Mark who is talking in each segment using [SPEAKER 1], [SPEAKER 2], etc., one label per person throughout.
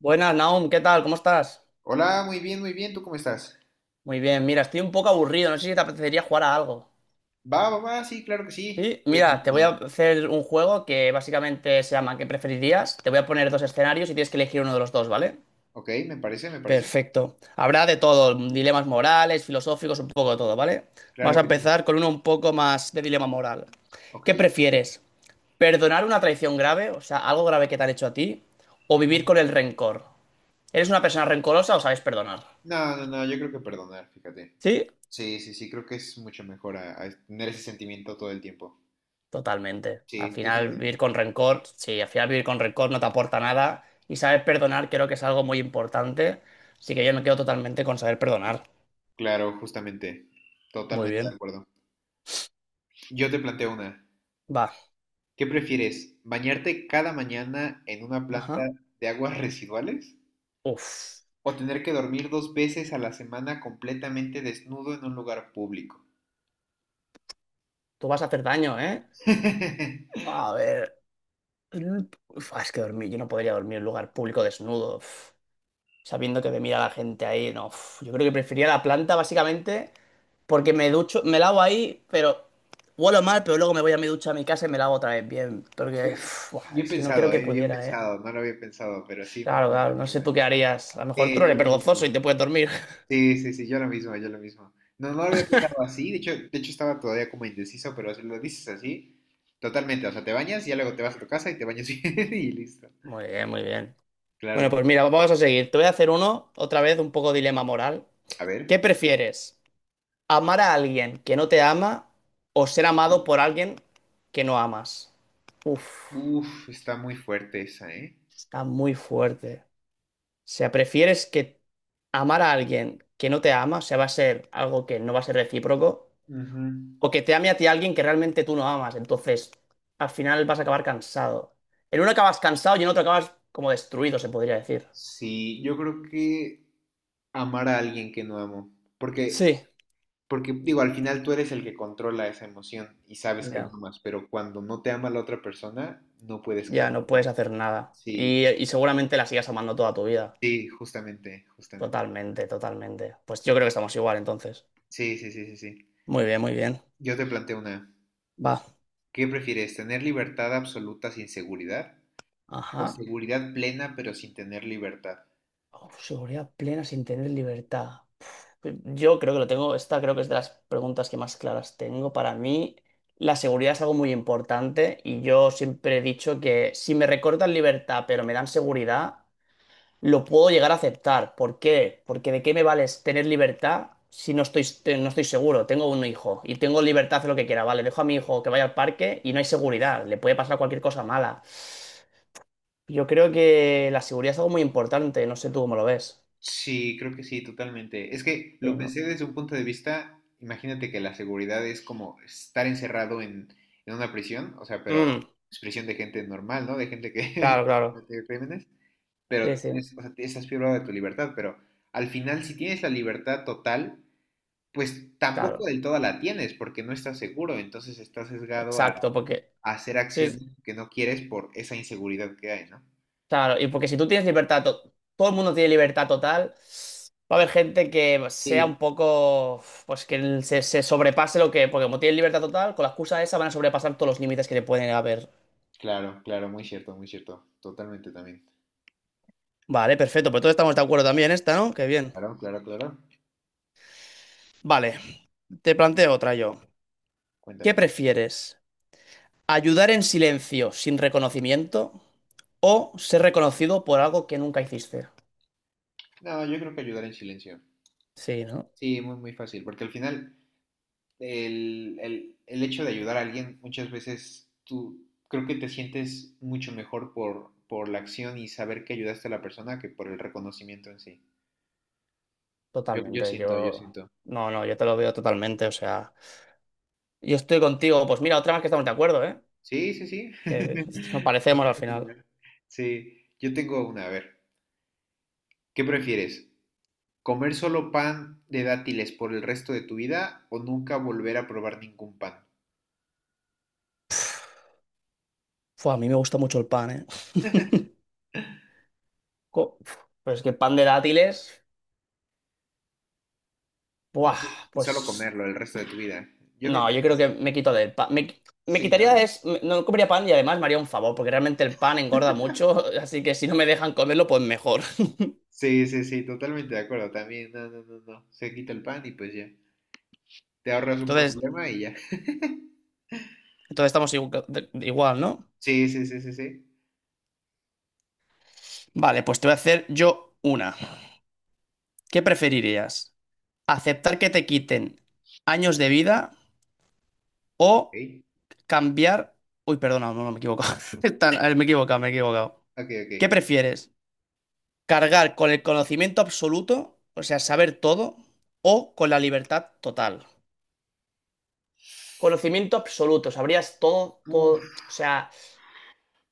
[SPEAKER 1] Buenas, Naum, ¿qué tal? ¿Cómo estás?
[SPEAKER 2] Hola, muy bien, muy bien. ¿Tú cómo estás?
[SPEAKER 1] Muy bien, mira, estoy un poco aburrido, no sé si te apetecería jugar a algo.
[SPEAKER 2] Va, va, va, sí, claro que sí.
[SPEAKER 1] Sí,
[SPEAKER 2] ¿Qué
[SPEAKER 1] mira, te voy a
[SPEAKER 2] propones?
[SPEAKER 1] hacer un juego que básicamente se llama ¿Qué preferirías? Te voy a poner dos escenarios y tienes que elegir uno de los dos, ¿vale?
[SPEAKER 2] Ok, me parece, me parece.
[SPEAKER 1] Perfecto. Habrá de todo, dilemas morales, filosóficos, un poco de todo, ¿vale? Vamos
[SPEAKER 2] Claro
[SPEAKER 1] a
[SPEAKER 2] que sí.
[SPEAKER 1] empezar con uno un poco más de dilema moral.
[SPEAKER 2] Ok.
[SPEAKER 1] ¿Qué prefieres? ¿Perdonar una traición grave, o sea, algo grave que te han hecho a ti, o vivir
[SPEAKER 2] Ajá.
[SPEAKER 1] con el rencor? ¿Eres una persona rencorosa o sabes perdonar?
[SPEAKER 2] No, no, no, yo creo que perdonar, fíjate.
[SPEAKER 1] ¿Sí?
[SPEAKER 2] Sí, sí, sí, creo que es mucho mejor a tener ese sentimiento todo el tiempo.
[SPEAKER 1] Totalmente. Al
[SPEAKER 2] Sí, ¿tú
[SPEAKER 1] final vivir
[SPEAKER 2] también?
[SPEAKER 1] con rencor, sí, al final vivir con rencor no te aporta nada y saber perdonar creo que es algo muy importante, así que yo me quedo totalmente con saber perdonar.
[SPEAKER 2] Claro, justamente.
[SPEAKER 1] Muy
[SPEAKER 2] Totalmente de
[SPEAKER 1] bien.
[SPEAKER 2] acuerdo. Yo te planteo una.
[SPEAKER 1] Va.
[SPEAKER 2] ¿Qué prefieres? ¿Bañarte cada mañana en una planta
[SPEAKER 1] Ajá.
[SPEAKER 2] de aguas residuales?
[SPEAKER 1] Uf,
[SPEAKER 2] ¿O tener que dormir dos veces a la semana completamente desnudo en un lugar público?
[SPEAKER 1] Tú vas a hacer daño, ¿eh? A ver. Uf, es que dormir, yo no podría dormir en un lugar público desnudo, uf, sabiendo que me mira la gente ahí, no. Uf. Yo creo que preferiría la planta básicamente. Porque me ducho, me lavo ahí, pero huelo mal, pero luego me voy a mi ducha a mi casa y me lavo otra vez bien. Porque
[SPEAKER 2] Uy,
[SPEAKER 1] uf, buah, es que no creo que
[SPEAKER 2] bien
[SPEAKER 1] pudiera, ¿eh?
[SPEAKER 2] pensado, no lo había pensado, pero sí, muy
[SPEAKER 1] Claro,
[SPEAKER 2] bueno,
[SPEAKER 1] claro, no
[SPEAKER 2] muy
[SPEAKER 1] sé
[SPEAKER 2] bueno.
[SPEAKER 1] tú qué harías. A lo mejor tú
[SPEAKER 2] Sí,
[SPEAKER 1] no
[SPEAKER 2] yo
[SPEAKER 1] eres
[SPEAKER 2] lo
[SPEAKER 1] vergonzoso y
[SPEAKER 2] mismo.
[SPEAKER 1] te puedes dormir.
[SPEAKER 2] Sí, sí, sí, yo lo mismo, yo lo mismo. No, no lo había pensado así, de hecho estaba todavía como indeciso, pero si lo dices así, totalmente, o sea, te bañas y ya luego te vas a tu casa y te bañas bien y listo.
[SPEAKER 1] Muy bien, muy bien.
[SPEAKER 2] Claro
[SPEAKER 1] Bueno,
[SPEAKER 2] que
[SPEAKER 1] pues
[SPEAKER 2] sí.
[SPEAKER 1] mira, vamos a seguir. Te voy a hacer uno, otra vez, un poco dilema moral.
[SPEAKER 2] A ver.
[SPEAKER 1] ¿Qué prefieres? ¿Amar a alguien que no te ama o ser amado por alguien que no amas? Uf,
[SPEAKER 2] Uf, está muy fuerte esa, ¿eh?
[SPEAKER 1] está muy fuerte. O sea, prefieres que amar a alguien que no te ama, o sea, va a ser algo que no va a ser recíproco,
[SPEAKER 2] Ujú.
[SPEAKER 1] o que te ame a ti alguien que realmente tú no amas. Entonces, al final vas a acabar cansado. En uno acabas cansado y en otro acabas como destruido, se podría decir.
[SPEAKER 2] Sí, yo creo que amar a alguien que no amo, porque
[SPEAKER 1] Sí.
[SPEAKER 2] Porque digo, al final tú eres el que controla esa emoción y sabes que no
[SPEAKER 1] Ya,
[SPEAKER 2] amas, pero cuando no te ama la otra persona, no puedes
[SPEAKER 1] ya no puedes
[SPEAKER 2] cambiar.
[SPEAKER 1] hacer nada.
[SPEAKER 2] Sí,
[SPEAKER 1] Y seguramente la sigas amando toda tu vida.
[SPEAKER 2] sí, justamente, justamente,
[SPEAKER 1] Totalmente,
[SPEAKER 2] justamente.
[SPEAKER 1] totalmente. Pues yo creo que estamos igual entonces.
[SPEAKER 2] Sí, sí, sí, sí, sí.
[SPEAKER 1] Muy bien, muy bien.
[SPEAKER 2] Yo te planteo una.
[SPEAKER 1] Va.
[SPEAKER 2] ¿Qué prefieres, tener libertad absoluta sin seguridad o
[SPEAKER 1] Ajá.
[SPEAKER 2] seguridad plena pero sin tener libertad?
[SPEAKER 1] Oh, seguridad plena sin tener libertad. Yo creo que lo tengo, esta creo que es de las preguntas que más claras tengo. Para mí, la seguridad es algo muy importante y yo siempre he dicho que si me recortan libertad pero me dan seguridad, lo puedo llegar a aceptar. ¿Por qué? Porque ¿de qué me vale tener libertad si no estoy, te- no estoy seguro? Tengo un hijo y tengo libertad de hacer lo que quiera. Vale, dejo a mi hijo que vaya al parque y no hay seguridad. Le puede pasar cualquier cosa mala. Yo creo que la seguridad es algo muy importante. No sé tú cómo lo ves.
[SPEAKER 2] Sí, creo que sí, totalmente. Es que
[SPEAKER 1] Sí,
[SPEAKER 2] lo
[SPEAKER 1] ¿no?
[SPEAKER 2] pensé desde un punto de vista, imagínate que la seguridad es como estar encerrado en una prisión, o sea, pero
[SPEAKER 1] Mm,
[SPEAKER 2] es prisión de gente normal, ¿no? De gente que
[SPEAKER 1] claro, claro.
[SPEAKER 2] comete crímenes,
[SPEAKER 1] Sí,
[SPEAKER 2] pero
[SPEAKER 1] sí.
[SPEAKER 2] tienes, o sea, estás privado de tu libertad, pero al final si tienes la libertad total, pues tampoco
[SPEAKER 1] Claro,
[SPEAKER 2] del todo la tienes porque no estás seguro, entonces estás sesgado a,
[SPEAKER 1] exacto, porque
[SPEAKER 2] a hacer
[SPEAKER 1] sí, sí,
[SPEAKER 2] acciones que no quieres por esa inseguridad que hay, ¿no?
[SPEAKER 1] claro, y porque si tú tienes libertad, to- todo el mundo tiene libertad total, va a haber gente que sea
[SPEAKER 2] Sí.
[SPEAKER 1] un poco, pues que el- se sobrepase lo que, porque como tienen libertad total, con la excusa esa van a sobrepasar todos los límites que le pueden haber.
[SPEAKER 2] Claro, claro, muy cierto, totalmente también.
[SPEAKER 1] Vale, perfecto, pues todos estamos de acuerdo también en esta, ¿no? Qué bien.
[SPEAKER 2] Claro, claro, claro.
[SPEAKER 1] Vale, te planteo otra yo. ¿Qué
[SPEAKER 2] Cuéntame.
[SPEAKER 1] prefieres? ¿Ayudar en silencio sin reconocimiento o ser reconocido por algo que nunca hiciste?
[SPEAKER 2] No, yo creo que ayudar en silencio.
[SPEAKER 1] Sí, ¿no?
[SPEAKER 2] Sí, muy, muy fácil, porque al final el hecho de ayudar a alguien muchas veces tú creo que te sientes mucho mejor por la acción y saber que ayudaste a la persona que por el reconocimiento en sí. Yo
[SPEAKER 1] Totalmente,
[SPEAKER 2] siento, yo
[SPEAKER 1] yo...
[SPEAKER 2] siento.
[SPEAKER 1] No, no, yo te lo veo totalmente, o sea... Yo estoy contigo, pues mira, otra vez que estamos de acuerdo, ¿eh?
[SPEAKER 2] Sí, sí, sí.
[SPEAKER 1] Que nos parecemos al
[SPEAKER 2] Bastante
[SPEAKER 1] final.
[SPEAKER 2] similar. Sí, yo tengo una, a ver, ¿qué prefieres? ¿Comer solo pan de dátiles por el resto de tu vida o nunca volver a probar ningún pan?
[SPEAKER 1] Fua, a mí me gusta mucho el pan, ¿eh? Co- Pero es que pan de dátiles...
[SPEAKER 2] Y,
[SPEAKER 1] Buah,
[SPEAKER 2] y solo
[SPEAKER 1] pues...
[SPEAKER 2] comerlo el resto de tu vida. Yo creo
[SPEAKER 1] No,
[SPEAKER 2] que
[SPEAKER 1] yo
[SPEAKER 2] es más.
[SPEAKER 1] creo que me quito del pan. Me, qui- me
[SPEAKER 2] Sí,
[SPEAKER 1] quitaría de...
[SPEAKER 2] ¿no?
[SPEAKER 1] es- me- No comería pan y además me haría un favor, porque realmente el pan engorda mucho, así que si no me dejan comerlo, pues mejor.
[SPEAKER 2] Sí, sí, sí, totalmente de acuerdo. También, no, no, no, no. Se quita el pan y pues ya. Te ahorras un
[SPEAKER 1] Entonces,
[SPEAKER 2] problema y ya.
[SPEAKER 1] entonces estamos igu- igual, ¿no?
[SPEAKER 2] Sí, sí, sí, sí, sí.
[SPEAKER 1] Vale, pues te voy a hacer yo una. ¿Qué preferirías? Aceptar que te quiten años de vida o
[SPEAKER 2] Ok,
[SPEAKER 1] cambiar... Uy, perdona, no, no, me he equivocado. Están- a Me he equivocado, me he equivocado.
[SPEAKER 2] ok, ok.
[SPEAKER 1] ¿Qué prefieres? ¿Cargar con el conocimiento absoluto, o sea, saber todo, o con la libertad total? Conocimiento absoluto, sabrías todo,
[SPEAKER 2] Uf,
[SPEAKER 1] todo, o sea,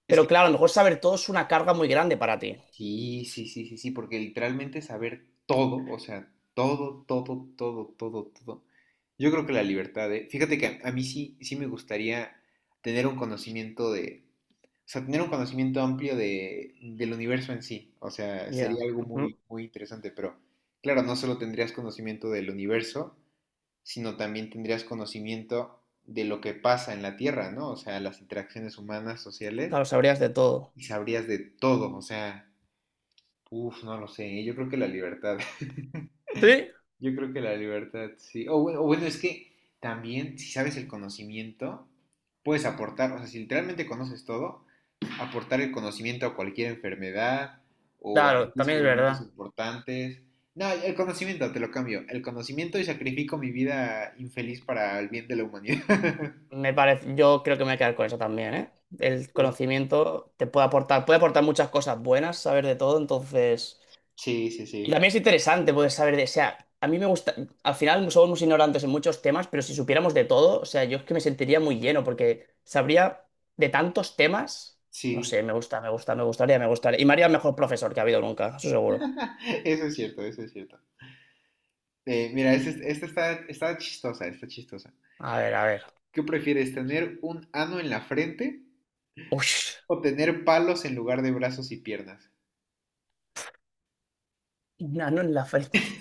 [SPEAKER 2] es
[SPEAKER 1] pero
[SPEAKER 2] que
[SPEAKER 1] claro, a lo mejor saber todo es una carga muy grande para ti.
[SPEAKER 2] sí, sí, sí, sí, sí, porque literalmente saber todo, o sea, todo, todo, todo, todo, todo. Yo creo que la libertad de... Fíjate que a mí sí, sí me gustaría tener un conocimiento de... O sea, tener un conocimiento amplio del universo en sí. O sea,
[SPEAKER 1] Ya,
[SPEAKER 2] sería algo muy,
[SPEAKER 1] ujú.
[SPEAKER 2] muy interesante, pero claro, no solo tendrías conocimiento del universo, sino también tendrías conocimiento de lo que pasa en la Tierra, ¿no? O sea, las interacciones humanas, sociales,
[SPEAKER 1] Claro, sabrías de todo.
[SPEAKER 2] y sabrías de todo, o sea... Uf, no lo sé, yo creo que la libertad,
[SPEAKER 1] Sí,
[SPEAKER 2] yo creo que la libertad, sí. O bueno, es que también si sabes el conocimiento, puedes aportar, o sea, si literalmente conoces todo, aportar el conocimiento a cualquier enfermedad o hacer
[SPEAKER 1] claro, también es
[SPEAKER 2] descubrimientos
[SPEAKER 1] verdad.
[SPEAKER 2] importantes. No, el conocimiento, te lo cambio, el conocimiento y sacrifico mi vida infeliz para el bien de la humanidad.
[SPEAKER 1] Me parece, yo creo que me voy a quedar con eso también, ¿eh? El conocimiento te puede aportar muchas cosas buenas, saber de todo, entonces.
[SPEAKER 2] Sí, sí,
[SPEAKER 1] Y
[SPEAKER 2] sí,
[SPEAKER 1] también es interesante poder saber de. O sea, a mí me gusta. Al final somos ignorantes en muchos temas, pero si supiéramos de todo, o sea, yo es que me sentiría muy lleno, porque sabría de tantos temas. No
[SPEAKER 2] sí,
[SPEAKER 1] sé, me gusta, me gusta, me gustaría, me gustaría. Y me haría el mejor profesor que ha habido nunca, eso seguro.
[SPEAKER 2] eso es cierto, eso es cierto. Mira, esta este esta está, está chistosa, está chistosa.
[SPEAKER 1] A ver, a ver.
[SPEAKER 2] ¿Qué prefieres, tener un ano en la frente
[SPEAKER 1] Uy,
[SPEAKER 2] o tener palos en lugar de brazos y piernas?
[SPEAKER 1] un nano en la frente.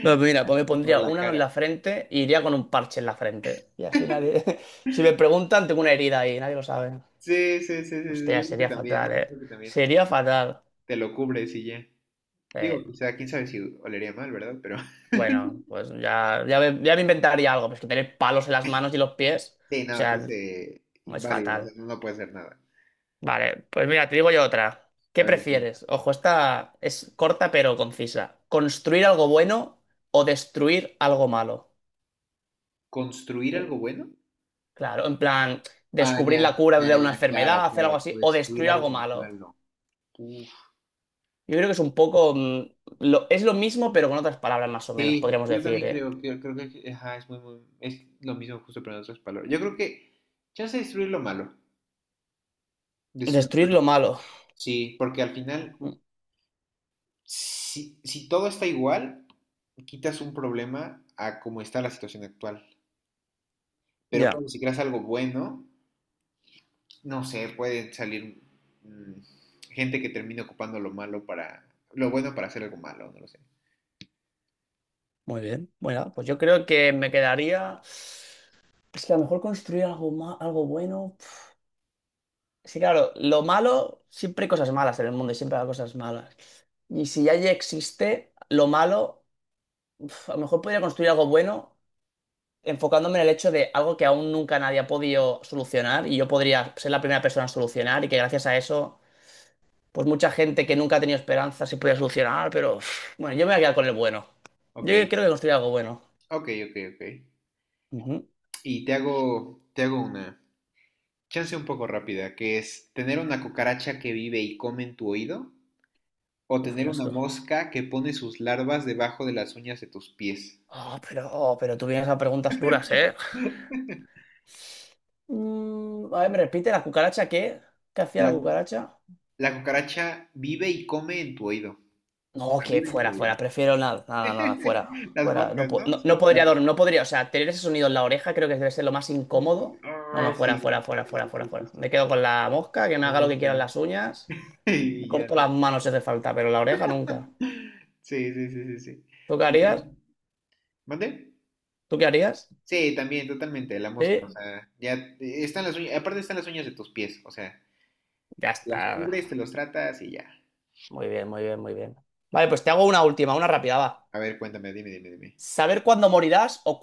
[SPEAKER 1] Bueno, pues mira, pues me
[SPEAKER 2] Así por
[SPEAKER 1] pondría
[SPEAKER 2] la
[SPEAKER 1] una en
[SPEAKER 2] cara.
[SPEAKER 1] la frente y iría con un parche en la frente. Y así nadie. Si me preguntan, tengo una herida ahí, nadie lo sabe.
[SPEAKER 2] Sí, sí, sí, sí, sí,
[SPEAKER 1] Hostia,
[SPEAKER 2] yo creo que
[SPEAKER 1] sería
[SPEAKER 2] también, ¿eh?
[SPEAKER 1] fatal,
[SPEAKER 2] Yo
[SPEAKER 1] ¿eh?
[SPEAKER 2] creo que también.
[SPEAKER 1] Sería fatal.
[SPEAKER 2] Te lo cubres y ya. Digo,
[SPEAKER 1] Eh,
[SPEAKER 2] o sea, quién sabe si olería mal, ¿verdad? Pero
[SPEAKER 1] bueno, pues ya, ya me inventaría algo. Pues que tener palos en las manos y los pies.
[SPEAKER 2] sí,
[SPEAKER 1] O
[SPEAKER 2] no, es
[SPEAKER 1] sea, es
[SPEAKER 2] inválido, o sea,
[SPEAKER 1] fatal.
[SPEAKER 2] no, no puede hacer nada.
[SPEAKER 1] Vale, pues mira, te digo yo otra.
[SPEAKER 2] A
[SPEAKER 1] ¿Qué
[SPEAKER 2] ver, sí.
[SPEAKER 1] prefieres? Ojo, esta es corta pero concisa. ¿Construir algo bueno o destruir algo malo?
[SPEAKER 2] ¿Construir
[SPEAKER 1] Uh.
[SPEAKER 2] algo bueno?
[SPEAKER 1] Claro, en plan,
[SPEAKER 2] Ah,
[SPEAKER 1] descubrir
[SPEAKER 2] ya,
[SPEAKER 1] la cura
[SPEAKER 2] ya,
[SPEAKER 1] de una
[SPEAKER 2] ya, claro,
[SPEAKER 1] enfermedad, hacer algo
[SPEAKER 2] claro,
[SPEAKER 1] así, o
[SPEAKER 2] destruir
[SPEAKER 1] destruir algo
[SPEAKER 2] algo
[SPEAKER 1] malo.
[SPEAKER 2] malo. Uf.
[SPEAKER 1] Yo creo que es un poco... mm, lo- es lo mismo, pero con otras palabras más o menos,
[SPEAKER 2] Sí,
[SPEAKER 1] podríamos
[SPEAKER 2] yo
[SPEAKER 1] decir,
[SPEAKER 2] también
[SPEAKER 1] ¿eh?
[SPEAKER 2] creo que ajá, es muy, muy, es lo mismo justo pero en otras palabras. Yo creo que chance de destruir lo malo, destruir lo
[SPEAKER 1] Destruir lo
[SPEAKER 2] malo.
[SPEAKER 1] malo.
[SPEAKER 2] Sí, porque al final,
[SPEAKER 1] Mm,
[SPEAKER 2] si todo está igual, quitas un problema a como está la situación actual. Pero
[SPEAKER 1] ya,
[SPEAKER 2] claro, si creas algo bueno, no sé, puede salir mm, gente que termine ocupando lo malo para, lo bueno para hacer algo malo, no lo sé.
[SPEAKER 1] muy bien. Bueno, pues yo creo que me quedaría... Es que a lo mejor construir algo, ma- algo bueno... pf. Sí, claro, lo malo, siempre hay cosas malas en el mundo y siempre hay cosas malas. Y si ya existe lo malo, pf, a lo mejor podría construir algo bueno enfocándome en el hecho de algo que aún nunca nadie ha podido solucionar y yo podría ser la primera persona a solucionar y que gracias a eso, pues mucha gente que nunca ha tenido esperanza se podía solucionar, pero uf, bueno, yo me voy a quedar con el bueno.
[SPEAKER 2] Ok,
[SPEAKER 1] Yo creo que construir algo bueno.
[SPEAKER 2] ok, ok, ok.
[SPEAKER 1] Ujú.
[SPEAKER 2] Y te hago una. Chance un poco rápida, que es tener una cucaracha que vive y come en tu oído o
[SPEAKER 1] Uf, qué
[SPEAKER 2] tener una
[SPEAKER 1] asco.
[SPEAKER 2] mosca que pone sus larvas debajo de las uñas de tus pies.
[SPEAKER 1] Oh, pero tú vienes a preguntas duras, ¿eh? Mm, a ver, ¿me repite la cucaracha qué? ¿Qué hacía la
[SPEAKER 2] La,
[SPEAKER 1] cucaracha?
[SPEAKER 2] la cucaracha vive y come en tu oído.
[SPEAKER 1] No, que
[SPEAKER 2] Vive en tu
[SPEAKER 1] fuera,
[SPEAKER 2] oído.
[SPEAKER 1] fuera. Prefiero nada, nada, nada, fuera.
[SPEAKER 2] Las
[SPEAKER 1] Fuera. No,
[SPEAKER 2] moscas,
[SPEAKER 1] po-
[SPEAKER 2] ¿no?
[SPEAKER 1] no, no
[SPEAKER 2] Sí,
[SPEAKER 1] podría
[SPEAKER 2] claro.
[SPEAKER 1] dormir, no podría. O sea, tener ese sonido en la oreja creo que debe ser lo más
[SPEAKER 2] Y,
[SPEAKER 1] incómodo. No,
[SPEAKER 2] oh,
[SPEAKER 1] no, fuera, fuera,
[SPEAKER 2] sí,
[SPEAKER 1] fuera,
[SPEAKER 2] sí,
[SPEAKER 1] fuera,
[SPEAKER 2] sí,
[SPEAKER 1] fuera,
[SPEAKER 2] sí, sí,
[SPEAKER 1] fuera.
[SPEAKER 2] sí.
[SPEAKER 1] Me quedo con la mosca, que me
[SPEAKER 2] Las
[SPEAKER 1] haga lo que quieran
[SPEAKER 2] moscas.
[SPEAKER 1] las uñas. Me
[SPEAKER 2] Y ya,
[SPEAKER 1] corto
[SPEAKER 2] ¿no?
[SPEAKER 1] las manos si hace falta, pero la oreja nunca.
[SPEAKER 2] Sí, sí, sí, sí, sí.
[SPEAKER 1] ¿Tú qué
[SPEAKER 2] Pues, bueno,
[SPEAKER 1] harías?
[SPEAKER 2] ¿mande?
[SPEAKER 1] ¿Tú qué harías?
[SPEAKER 2] Sí, también, totalmente, la mosca. O
[SPEAKER 1] Sí,
[SPEAKER 2] sea, ya están las uñas, aparte están las uñas de tus pies, o sea.
[SPEAKER 1] ya
[SPEAKER 2] Las
[SPEAKER 1] está.
[SPEAKER 2] cubres, te los tratas y ya.
[SPEAKER 1] Muy bien, muy bien, muy bien. Vale, pues te hago una última, una rápida, va.
[SPEAKER 2] A ver, cuéntame, dime, dime, dime.
[SPEAKER 1] ¿Saber cuándo morirás o